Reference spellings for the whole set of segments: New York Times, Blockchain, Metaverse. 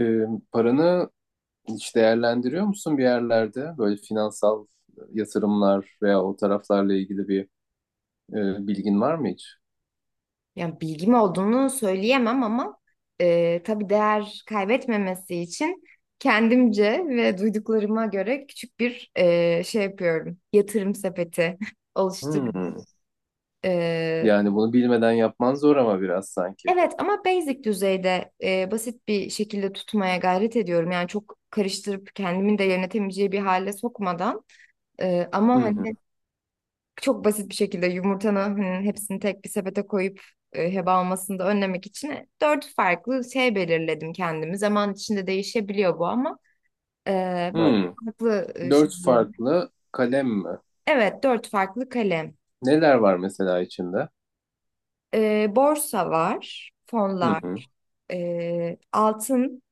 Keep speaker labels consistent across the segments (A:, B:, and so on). A: Ee, Paranı hiç değerlendiriyor musun bir yerlerde? Böyle finansal yatırımlar veya o taraflarla ilgili bir bilgin var mı hiç?
B: Yani bilgim olduğunu söyleyemem ama tabii değer kaybetmemesi için kendimce ve duyduklarıma göre küçük bir şey yapıyorum. Yatırım sepeti oluşturuyorum.
A: Hmm.
B: E,
A: Yani bunu bilmeden yapman zor ama biraz sanki.
B: evet, ama basic düzeyde basit bir şekilde tutmaya gayret ediyorum. Yani çok karıştırıp kendimin de yönetemeyeceği bir hale sokmadan. Ama
A: Hı hı.
B: hani çok basit bir şekilde yumurtanın hani hepsini tek bir sepete koyup heba olmasını da önlemek için dört farklı şey belirledim kendimi. Zaman içinde değişebiliyor bu ama e, böyle
A: Hmm.
B: farklı
A: Dört
B: şeyleri.
A: farklı kalem mi?
B: Evet, dört farklı kalem.
A: Neler var mesela içinde?
B: Borsa var,
A: Hı
B: fonlar,
A: hı.
B: altın,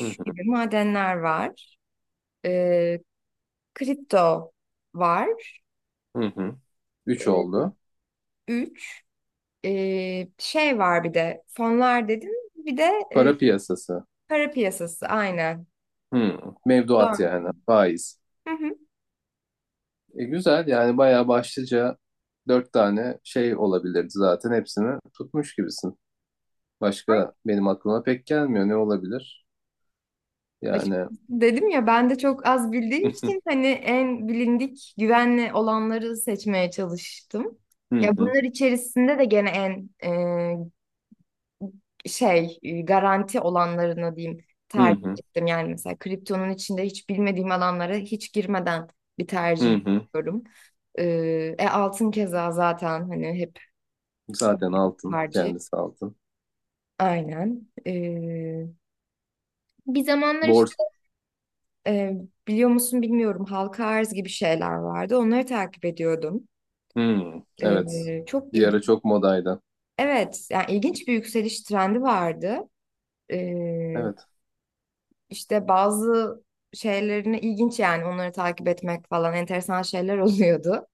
A: Hı hı.
B: gibi madenler var. E, kripto var.
A: Hı hı. Üç
B: E,
A: oldu.
B: üç şey var, bir de fonlar dedim. Bir de
A: Para piyasası.
B: para piyasası, aynen.
A: Hmm. Mevduat
B: Dört.
A: yani. Faiz.
B: Hı hı.
A: Güzel yani bayağı başlıca dört tane şey olabilirdi zaten hepsini tutmuş gibisin. Başka benim aklıma pek gelmiyor. Ne olabilir? Yani hı
B: Açıkçası dedim ya, ben de çok az bildiğim için hani en bilindik güvenli olanları seçmeye çalıştım. Ya,
A: hı
B: bunlar içerisinde de gene en şey, garanti olanlarını diyeyim,
A: hı
B: tercih
A: hı
B: ettim. Yani mesela kriptonun içinde hiç bilmediğim alanlara hiç girmeden bir
A: hı
B: tercih
A: hı.
B: yapıyorum. Altın keza zaten hani hep
A: Zaten altın.
B: tercih.
A: Kendisi altın.
B: Aynen. Bir zamanlar işte,
A: Bors.
B: Ee, biliyor musun bilmiyorum, halka arz gibi şeyler vardı. Onları takip ediyordum.
A: Hı, evet.
B: Çok
A: Bir ara
B: ilginç.
A: çok modaydı.
B: Evet, yani ilginç bir yükseliş trendi vardı. Ee,
A: Evet.
B: işte bazı şeylerini ilginç, yani onları takip etmek falan enteresan şeyler oluyordu.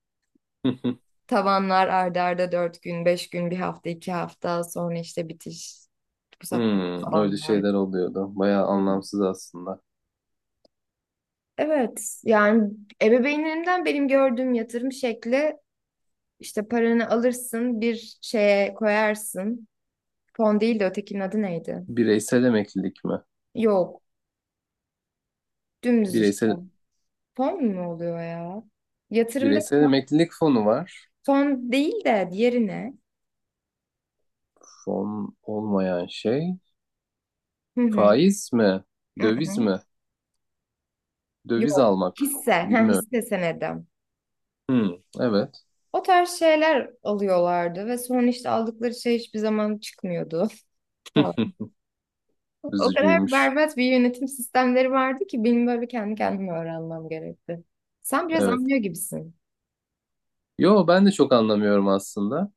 A: Hı hı.
B: Tavanlar ardarda 4 gün, 5 gün, bir hafta, 2 hafta sonra işte bitiş. Bu
A: Hı,
B: sefer
A: öyle
B: tabanlar.
A: şeyler oluyordu. Bayağı anlamsız aslında.
B: Evet, yani ebeveynlerimden benim gördüğüm yatırım şekli, İşte paranı alırsın, bir şeye koyarsın. Fon değil de ötekinin adı neydi?
A: Bireysel emeklilik mi?
B: Yok. Dümdüz işte.
A: Bireysel
B: Fon mu oluyor ya? Yatırımda
A: bireysel emeklilik fonu var.
B: fon değil de diğeri ne?
A: Fon olmayan şey.
B: Hı hı.
A: Faiz mi?
B: Hı
A: Döviz
B: hı.
A: mi? Döviz
B: Yok.
A: almak.
B: Hisse. Ha,
A: Bilmiyorum.
B: hisse senedi.
A: Hı, evet.
B: O tarz şeyler alıyorlardı ve sonra işte aldıkları şey hiçbir zaman çıkmıyordu falan. O kadar
A: Üzücüymüş.
B: berbat bir yönetim sistemleri vardı ki benim böyle kendi kendime öğrenmem gerekti. Sen biraz
A: Evet.
B: anlıyor gibisin.
A: Yo ben de çok anlamıyorum aslında.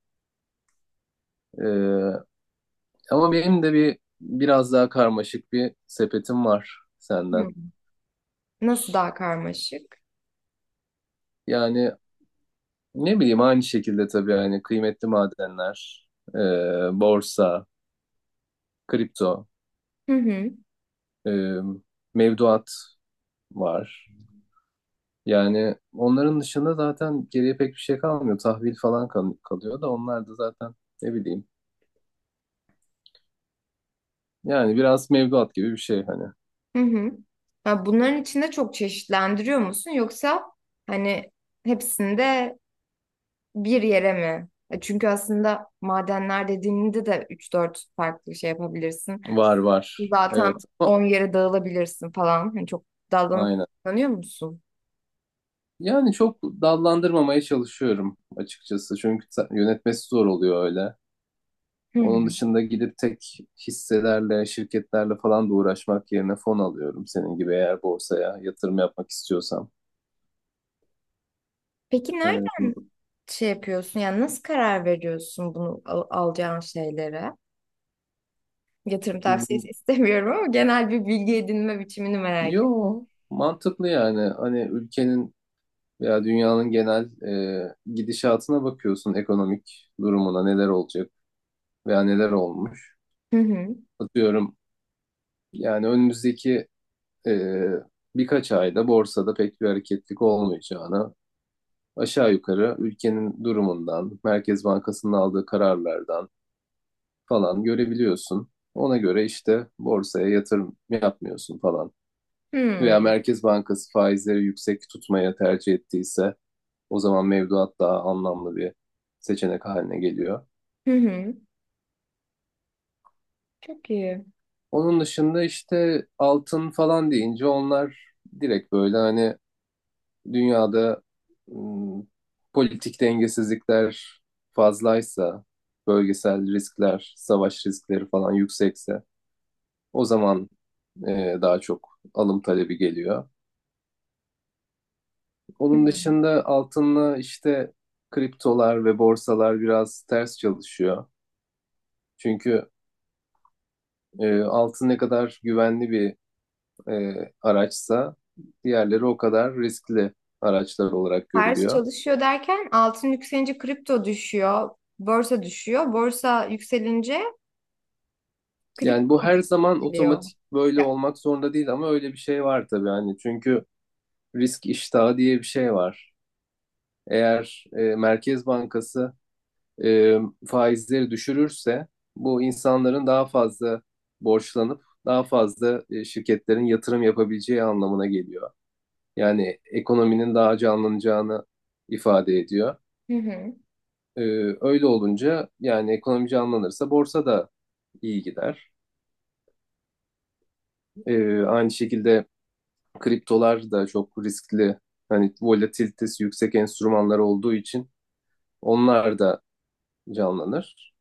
A: Ee, ama benim de bir biraz daha karmaşık bir sepetim var senden.
B: Hı. Nasıl daha karmaşık?
A: Yani ne bileyim aynı şekilde tabii yani kıymetli madenler, e, borsa, kripto,
B: Hı hı.
A: e, mevduat var. Yani onların dışında zaten geriye pek bir şey kalmıyor. Tahvil falan kal- kalıyor da onlar da zaten ne bileyim. Yani biraz mevduat gibi bir şey hani.
B: Hı hı. Ya, bunların içinde çok çeşitlendiriyor musun, yoksa hani hepsinde bir yere mi? Çünkü aslında madenler dediğinde de üç dört farklı şey yapabilirsin.
A: Var var.
B: Zaten
A: Evet. Ama-
B: 10 yere dağılabilirsin falan. Hani çok dallanıp
A: Aynen.
B: kullanıyor musun?
A: Yani çok dallandırmamaya çalışıyorum açıkçası. Çünkü ta- yönetmesi zor oluyor öyle.
B: Hı
A: Onun
B: hı.
A: dışında gidip tek hisselerle, şirketlerle falan da uğraşmak yerine fon alıyorum. Senin gibi eğer borsaya yatırım yapmak istiyorsam.
B: Peki nereden
A: Ee,
B: şey yapıyorsun? Yani nasıl karar veriyorsun bunu alacağın şeylere? Yatırım tavsiyesi
A: m-
B: istemiyorum ama genel bir bilgi edinme biçimini merak ettim.
A: Yo, mantıklı yani. Hani ülkenin veya dünyanın genel gidişatına bakıyorsun, ekonomik durumuna neler olacak veya neler olmuş.
B: Hı hı.
A: Atıyorum yani önümüzdeki e, birkaç ayda borsada pek bir hareketlik olmayacağına aşağı yukarı ülkenin durumundan, Merkez Bankası'nın aldığı kararlardan falan görebiliyorsun. Ona göre işte borsaya yatırım yapmıyorsun falan.
B: Hı.
A: Veya Merkez Bankası faizleri yüksek tutmaya tercih ettiyse o zaman mevduat daha anlamlı bir seçenek haline geliyor.
B: Hı hı. Hı. Çok iyi.
A: Onun dışında işte altın falan deyince onlar direkt böyle hani dünyada ım, politik dengesizlikler fazlaysa, bölgesel riskler, savaş riskleri falan yüksekse o zaman daha çok alım talebi geliyor.
B: Hı.
A: Onun dışında altınla işte kriptolar ve borsalar biraz ters çalışıyor. Çünkü altın ne kadar güvenli bir e, araçsa diğerleri o kadar riskli araçlar olarak
B: Ters
A: görülüyor.
B: çalışıyor derken altın yükselince kripto düşüyor, borsa düşüyor. Borsa yükselince
A: Yani
B: kripto
A: bu her
B: da
A: zaman
B: yükseliyor.
A: otomatik böyle
B: Ya.
A: olmak zorunda değil ama öyle bir şey var tabii hani çünkü risk iştahı diye bir şey var. Eğer Merkez Bankası e, faizleri düşürürse bu insanların daha fazla borçlanıp daha fazla şirketlerin yatırım yapabileceği anlamına geliyor. Yani ekonominin daha canlanacağını ifade ediyor.
B: Hı hı.
A: E, Öyle olunca yani ekonomi canlanırsa borsa da iyi gider. Aynı şekilde kriptolar da çok riskli. Hani volatilitesi yüksek enstrümanlar olduğu için onlar da canlanır.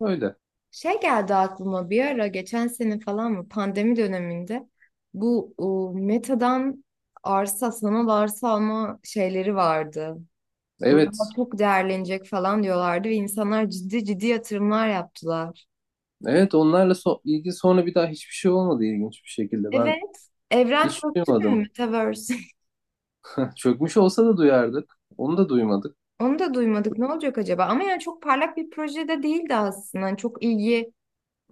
A: Öyle.
B: Şey geldi aklıma, bir ara geçen sene falan mı, pandemi döneminde bu Meta'dan sanal arsa alma şeyleri vardı. Burada
A: Evet.
B: çok değerlenecek falan diyorlardı ve insanlar ciddi ciddi yatırımlar yaptılar.
A: Evet onlarla ilgili sonra bir daha hiçbir şey olmadı ilginç bir şekilde. Ben
B: Evet. Evren
A: hiç
B: çöktü mü
A: duymadım.
B: Metaverse?
A: Heh, çökmüş olsa da duyardık. Onu da duymadık.
B: Onu da duymadık. Ne olacak acaba? Ama yani çok parlak bir projede değildi aslında. Hani çok ilgi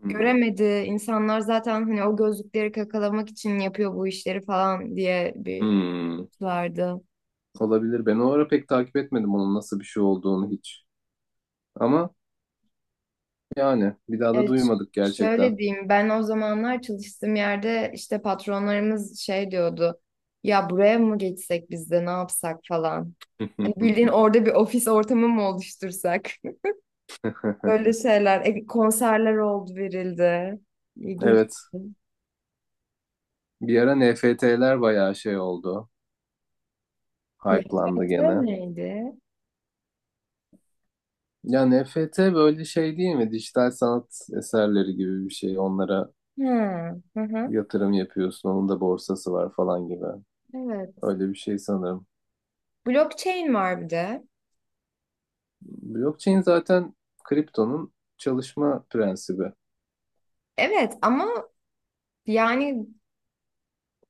A: Hmm.
B: göremedi. İnsanlar zaten hani o gözlükleri kakalamak için yapıyor bu işleri falan diye bir
A: Hmm.
B: vardı.
A: Olabilir. Ben o ara pek takip etmedim onun nasıl bir şey olduğunu hiç. Ama yani bir daha da
B: Evet,
A: duymadık gerçekten.
B: şöyle diyeyim. Ben o zamanlar çalıştığım yerde işte patronlarımız şey diyordu. Ya buraya mı geçsek biz de, ne yapsak falan. Hani bildiğin orada bir ofis ortamı mı oluştursak? Böyle şeyler. Konserler oldu verildi. İlginç.
A: Evet. Bir ara NFT'ler bayağı şey oldu. Hype'landı
B: Nefret
A: gene.
B: neydi?
A: Ya NFT böyle şey değil mi? Dijital sanat eserleri gibi bir şey. Onlara
B: Hmm. Hı hı.
A: yatırım yapıyorsun. Onun da borsası var falan gibi.
B: Evet.
A: Öyle bir şey sanırım.
B: Blockchain var bir de.
A: Blockchain zaten kriptonun çalışma prensibi.
B: Evet ama yani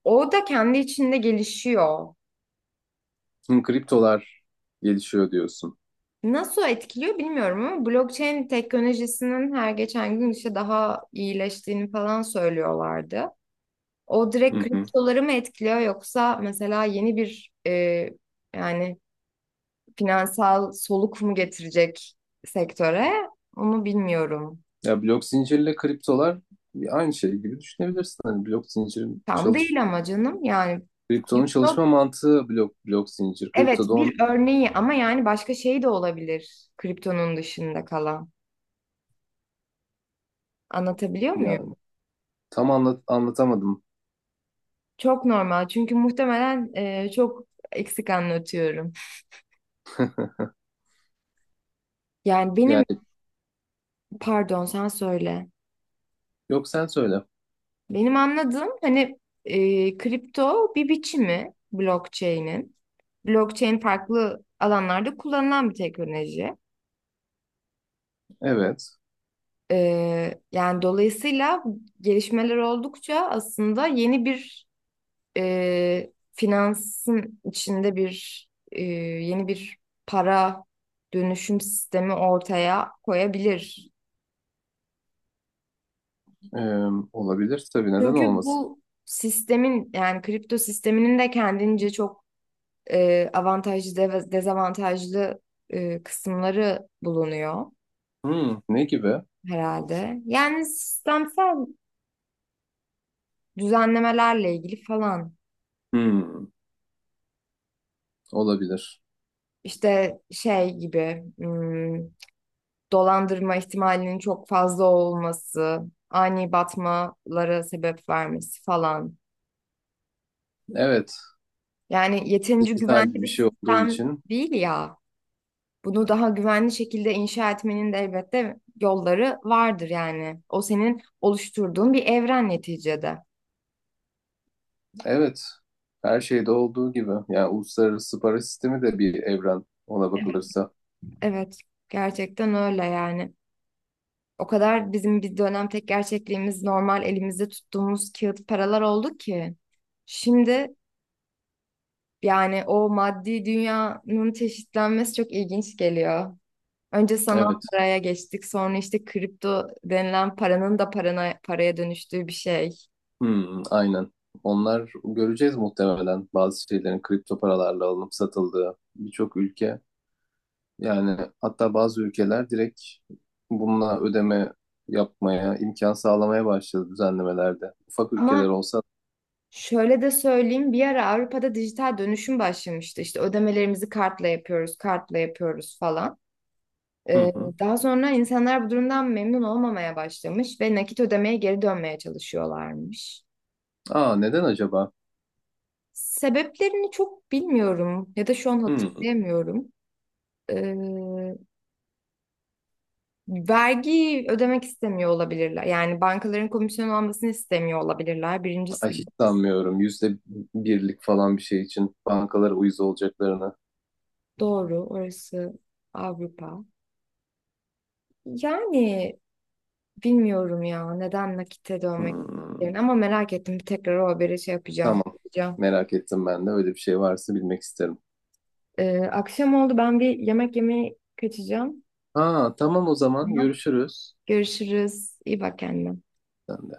B: o da kendi içinde gelişiyor.
A: Şimdi kriptolar gelişiyor diyorsun.
B: Nasıl etkiliyor bilmiyorum ama blockchain teknolojisinin her geçen gün işte daha iyileştiğini falan söylüyorlardı. O direkt
A: Hı hı.
B: kriptoları mı etkiliyor, yoksa mesela yeni bir yani finansal soluk mu getirecek sektöre, onu bilmiyorum.
A: Ya blok zincirle kriptolar aynı şey gibi düşünebilirsin. Hani blok zincirin
B: Tam değil ama canım yani
A: kriptonun
B: kripto.
A: çalışma mantığı blok zincir.
B: Evet,
A: Kripto da onu
B: bir örneği ama yani başka şey de olabilir, kriptonun dışında kalan. Anlatabiliyor
A: yani
B: muyum?
A: tam anlatamadım.
B: Çok normal çünkü muhtemelen çok eksik anlatıyorum. Yani
A: Yani
B: benim, pardon, sen söyle.
A: yok sen söyle.
B: Benim anladığım hani kripto bir biçimi blockchain'in. Blockchain farklı alanlarda kullanılan bir teknoloji.
A: Evet.
B: Yani dolayısıyla gelişmeler oldukça aslında yeni bir, finansın içinde bir yeni bir para dönüşüm sistemi ortaya koyabilir.
A: Ee, Olabilir tabii neden
B: Çünkü
A: olmasın?
B: bu sistemin, yani kripto sisteminin de kendince çok avantajlı de dezavantajlı kısımları bulunuyor
A: Hmm, ne gibi?
B: herhalde. Yani sistemsel düzenlemelerle ilgili falan,
A: Hmm, olabilir.
B: işte şey gibi dolandırma ihtimalinin çok fazla olması, ani batmalara sebep vermesi falan.
A: Evet,
B: Yani yeterince
A: dijital
B: güvenli
A: bir
B: bir
A: şey olduğu
B: sistem
A: için.
B: değil ya. Bunu daha güvenli şekilde inşa etmenin de elbette yolları vardır yani. O senin oluşturduğun bir evren neticede.
A: Evet, her şeyde olduğu gibi. Yani uluslararası para sistemi de bir evren ona bakılırsa.
B: Evet, gerçekten öyle yani. O kadar bizim bir dönem tek gerçekliğimiz normal elimizde tuttuğumuz kağıt paralar oldu ki. Şimdi, yani o maddi dünyanın çeşitlenmesi çok ilginç geliyor. Önce sanal
A: Evet,
B: paraya geçtik, sonra işte kripto denilen paranın da paraya dönüştüğü bir şey.
A: hmm, aynen. Onlar göreceğiz muhtemelen bazı şeylerin kripto paralarla alınıp satıldığı birçok ülke. Yani hatta bazı ülkeler direkt bununla ödeme yapmaya, imkan sağlamaya başladı düzenlemelerde. Ufak ülkeler
B: Ama
A: olsa.
B: şöyle de söyleyeyim, bir ara Avrupa'da dijital dönüşüm başlamıştı. İşte ödemelerimizi kartla yapıyoruz, kartla yapıyoruz falan.
A: Hı
B: Ee,
A: hı.
B: Daha sonra insanlar bu durumdan memnun olmamaya başlamış ve nakit ödemeye geri dönmeye çalışıyorlarmış.
A: Aa neden acaba?
B: Sebeplerini çok bilmiyorum ya da şu an
A: Hmm,
B: hatırlayamıyorum. Ee, Vergi ödemek istemiyor olabilirler. Yani bankaların komisyon almasını istemiyor olabilirler. Birincisi
A: ay hiç sanmıyorum. %1'lik falan bir şey için bankalara uyuz olacaklarını.
B: doğru. Orası Avrupa. Yani bilmiyorum ya neden nakite dönmek
A: Hmm,
B: istediklerini, ama merak ettim. Bir tekrar o haberi şey yapacağım.
A: tamam.
B: yapacağım.
A: Merak ettim ben de. Öyle bir şey varsa bilmek isterim.
B: Akşam oldu, ben bir yemek yemeye kaçacağım.
A: Aa tamam o zaman
B: Tamam.
A: görüşürüz.
B: Görüşürüz. İyi bak kendine.
A: Sen de.